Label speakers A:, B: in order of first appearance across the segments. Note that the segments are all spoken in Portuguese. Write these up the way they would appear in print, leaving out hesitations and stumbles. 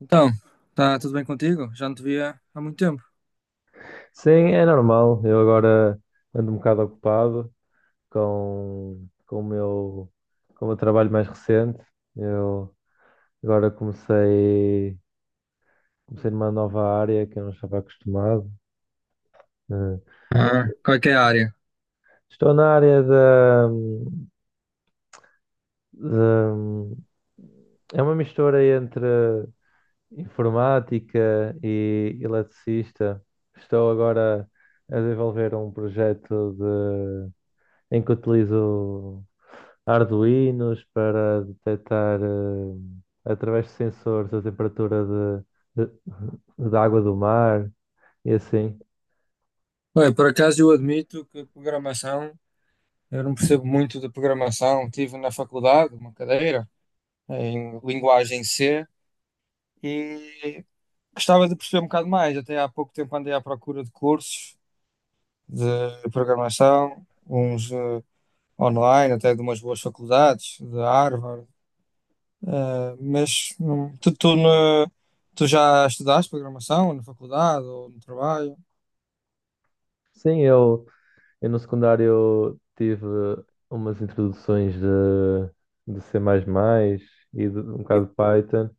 A: Então, tá tudo bem contigo? Já não te via há muito tempo.
B: Sim, é normal. Eu agora ando um bocado ocupado com o meu, com o meu trabalho mais recente. Eu agora comecei numa nova área que eu não estava acostumado. Eh,
A: Ah, qual é que é a área?
B: Estou na área da- É uma mistura entre informática e eletricista. Estou agora a desenvolver um projeto em que utilizo Arduinos para detectar, através de sensores, a temperatura de, de- da água do mar e assim.
A: Bem, por acaso eu admito que programação, eu não percebo muito de programação. Tive na faculdade uma cadeira em linguagem C e gostava de perceber um bocado mais. Até há pouco tempo andei à procura de cursos de programação, uns online, até de umas boas faculdades, de Harvard. Mas tu já estudaste programação na faculdade ou no trabalho?
B: Sim, eu no secundário tive umas introduções de C++ e de, um bocado de Python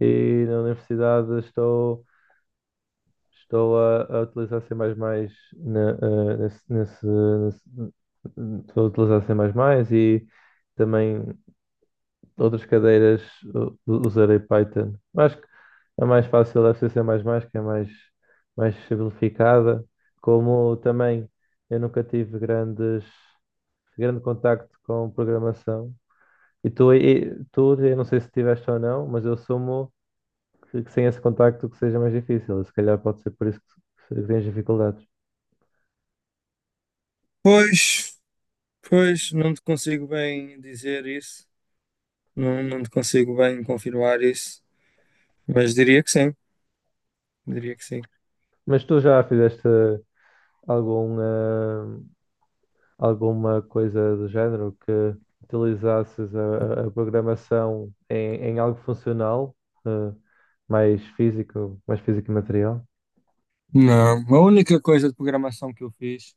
B: e na universidade estou a utilizar C++ na, eh, nesse, nesse, nesse- estou a utilizar C++ e também outras cadeiras usarei Python. Acho que a mais fácil é C++, C mais mais, que é mais, mais simplificada. Como também eu nunca tive grande contacto com programação. E tu, eu não sei se tiveste ou não, mas eu assumo que sem esse contacto que seja mais difícil. Se calhar pode ser por isso que tens dificuldades.
A: Pois, pois, não te consigo bem dizer isso, não te consigo bem confirmar isso, mas diria que sim, diria que sim.
B: Mas tu já fizeste algum, alguma coisa do género que utilizasses a programação em, em algo funcional, eh, mais físico e material.
A: Não, a única coisa de programação que eu fiz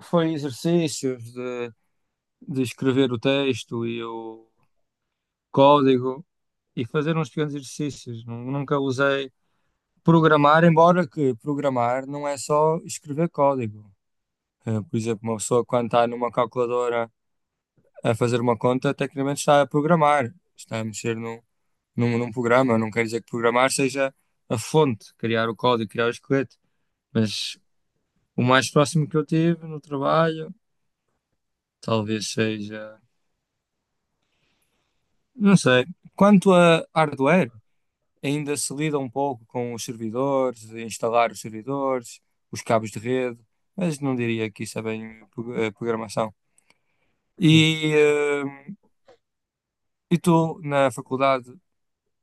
A: foi exercícios de escrever o texto e o código e fazer uns pequenos exercícios. Nunca usei programar, embora que programar não é só escrever código. Por exemplo, uma pessoa quando está numa calculadora a fazer uma conta, tecnicamente está a programar, está a mexer num programa. Não quer dizer que programar seja a fonte, criar o código, criar o esqueleto, mas o mais próximo que eu tive no trabalho, talvez seja, não sei. Quanto a hardware, ainda se lida um pouco com os servidores, instalar os servidores, os cabos de rede, mas não diria que isso é bem programação. E, eh, e tu, na faculdade,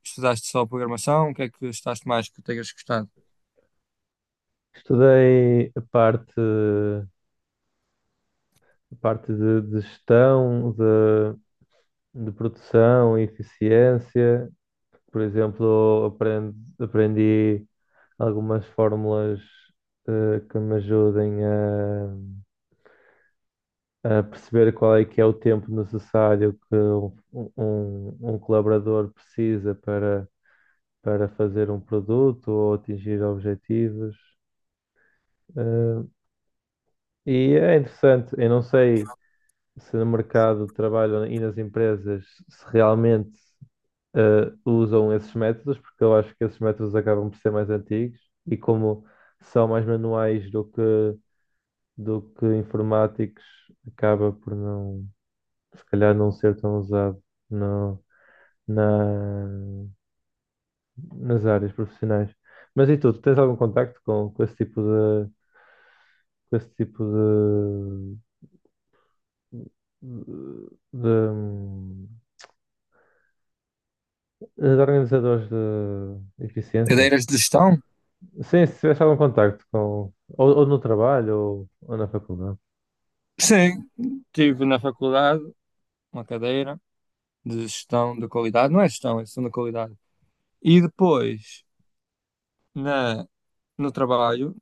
A: estudaste só programação? O que é que estudaste mais que tenhas gostado?
B: Estudei a parte de gestão, de produção e eficiência. Por exemplo, aprendi algumas fórmulas que me ajudem a perceber qual é que é o tempo necessário que um colaborador precisa para fazer um produto ou atingir objetivos. Eh, e é interessante, eu não sei se no mercado de trabalho e nas empresas se realmente usam esses métodos, porque eu acho que esses métodos acabam por ser mais antigos e como são mais manuais do que informáticos, acaba por não, se calhar não ser tão usado. Não, na, nas áreas profissionais. Mas e tu, tu tens algum contacto com esse tipo com esse tipo de, de, de organizadores de eficiência?
A: Cadeiras de gestão?
B: Sim, se tivesse algum contacto com, ou no trabalho, ou na faculdade.
A: Sim, tive na faculdade uma cadeira de gestão da qualidade, não é gestão, é gestão da qualidade. E depois na, no trabalho,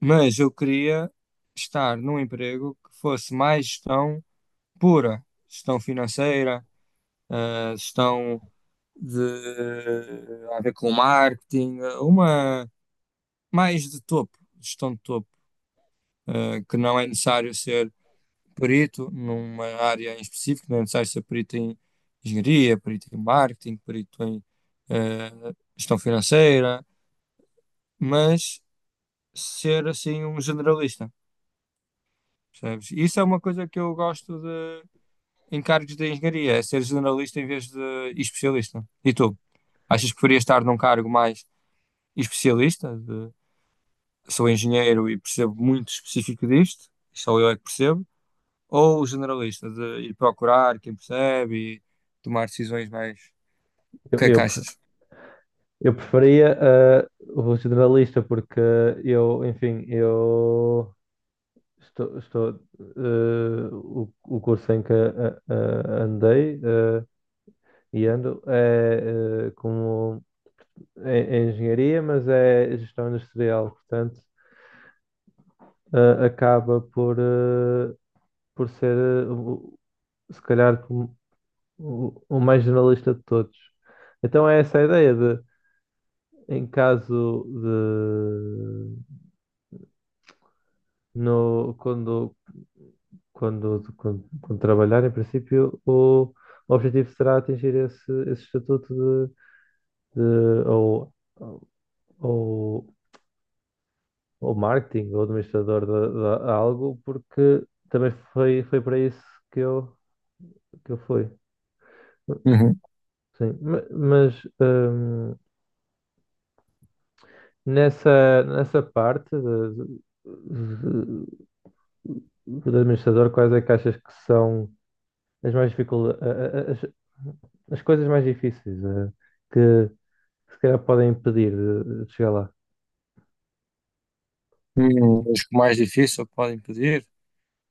A: mas eu queria estar num emprego que fosse mais gestão pura, gestão financeira, gestão de a ver com marketing, uma mais de topo, gestão de topo, que não é necessário ser perito numa área em específico, não é necessário ser perito em engenharia, perito em marketing, perito em eh, gestão financeira, mas ser assim um generalista, percebes? Isso é uma coisa que eu gosto de em cargos de engenharia, é ser generalista em vez de especialista. E tu? Achas que preferias estar num cargo mais especialista, de sou engenheiro e percebo muito específico disto, só eu é que percebo, ou generalista, de ir procurar quem percebe e tomar decisões mais. O
B: Eu,
A: que é que
B: eu
A: achas?
B: Eu preferia o generalista porque eu, enfim, estou o curso em que andei e ando é como é, é engenharia, mas é gestão industrial, portanto acaba por por ser se calhar como o mais generalista de todos. Então é essa a ideia de em caso. No, Quando, quando trabalhar, em princípio, o objetivo será atingir esse, esse estatuto de ou, ou, ou marketing ou administrador de algo, porque também foi para isso que eu, que eu fui.
A: Uhum.
B: Sim, mas hum, nessa, nessa parte de administrador, quais é que achas que são as mais as coisas mais difíceis que se calhar podem impedir de chegar lá.
A: Os que o mais difícil podem pedir,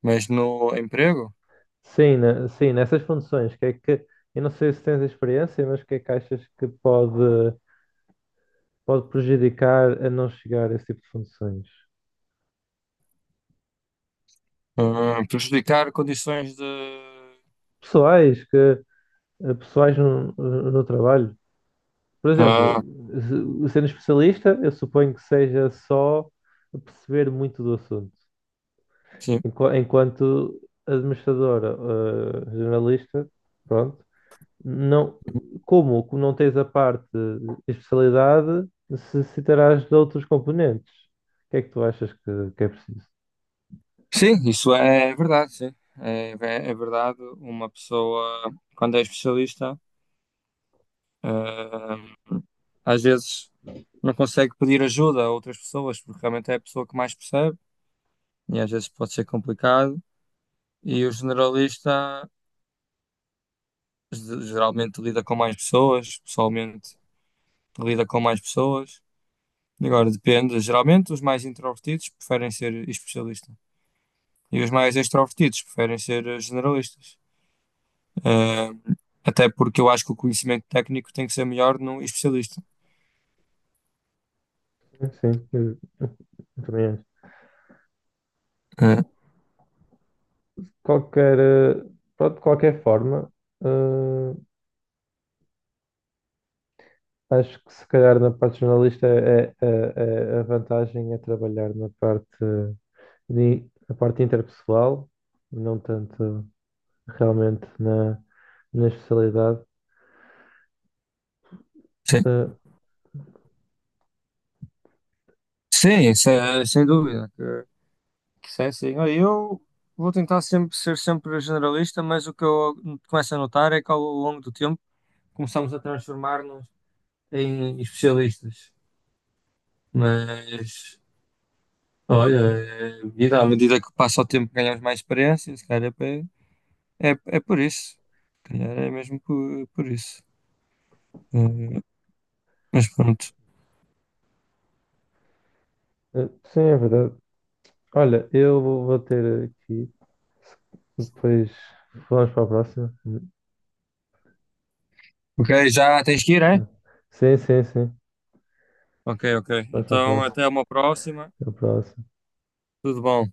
A: mas no emprego,
B: Sim, sim, nessas funções, que é que, eu não sei se tens experiência, mas o que é que achas pode prejudicar a não chegar a esse tipo de funções?
A: ah, prejudicar condições de.
B: Pessoais, que, pessoais no trabalho. Por
A: Ah,
B: exemplo, sendo especialista, eu suponho que seja só perceber muito do assunto.
A: sim.
B: Enquanto administradora, jornalista, pronto. Não, como? Como não tens a parte de especialidade, necessitarás de outros componentes. O que é que tu achas que é preciso?
A: Sim, isso é verdade, sim. É, é verdade, uma pessoa, quando é especialista, ah, às vezes não consegue pedir ajuda a outras pessoas, porque realmente é a pessoa que mais percebe, e às vezes pode ser complicado. E o generalista geralmente lida com mais pessoas, pessoalmente lida com mais pessoas. Agora depende, geralmente os mais introvertidos preferem ser especialista e os mais extrovertidos preferem ser generalistas. Eh, até porque eu acho que o conhecimento técnico tem que ser melhor num especialista.
B: Sim, eu também acho.
A: Eh,
B: Qualquer, pronto, de qualquer forma, eh, acho que se calhar na parte jornalista é a vantagem é trabalhar na parte, na parte interpessoal, não tanto realmente na, na especialidade.
A: sim, sim, sem dúvida que sim, sim. Olha, eu vou tentar sempre ser sempre generalista, mas o que eu começo a notar é que ao longo do tempo começamos a transformar-nos em especialistas. Mas, olha, é vida, à medida que passa o tempo ganhamos mais experiência, se calhar é, é por isso. Se calhar é mesmo por isso. Eh, mas pronto.
B: Sim, é verdade. Olha, eu vou ter aqui. Depois vamos para a próxima.
A: Ok, já tens que ir, é?
B: Sim, sim, sim.
A: Ok, ok.
B: Vamos para a
A: Então
B: próxima.
A: até uma próxima.
B: A próxima.
A: Tudo bom.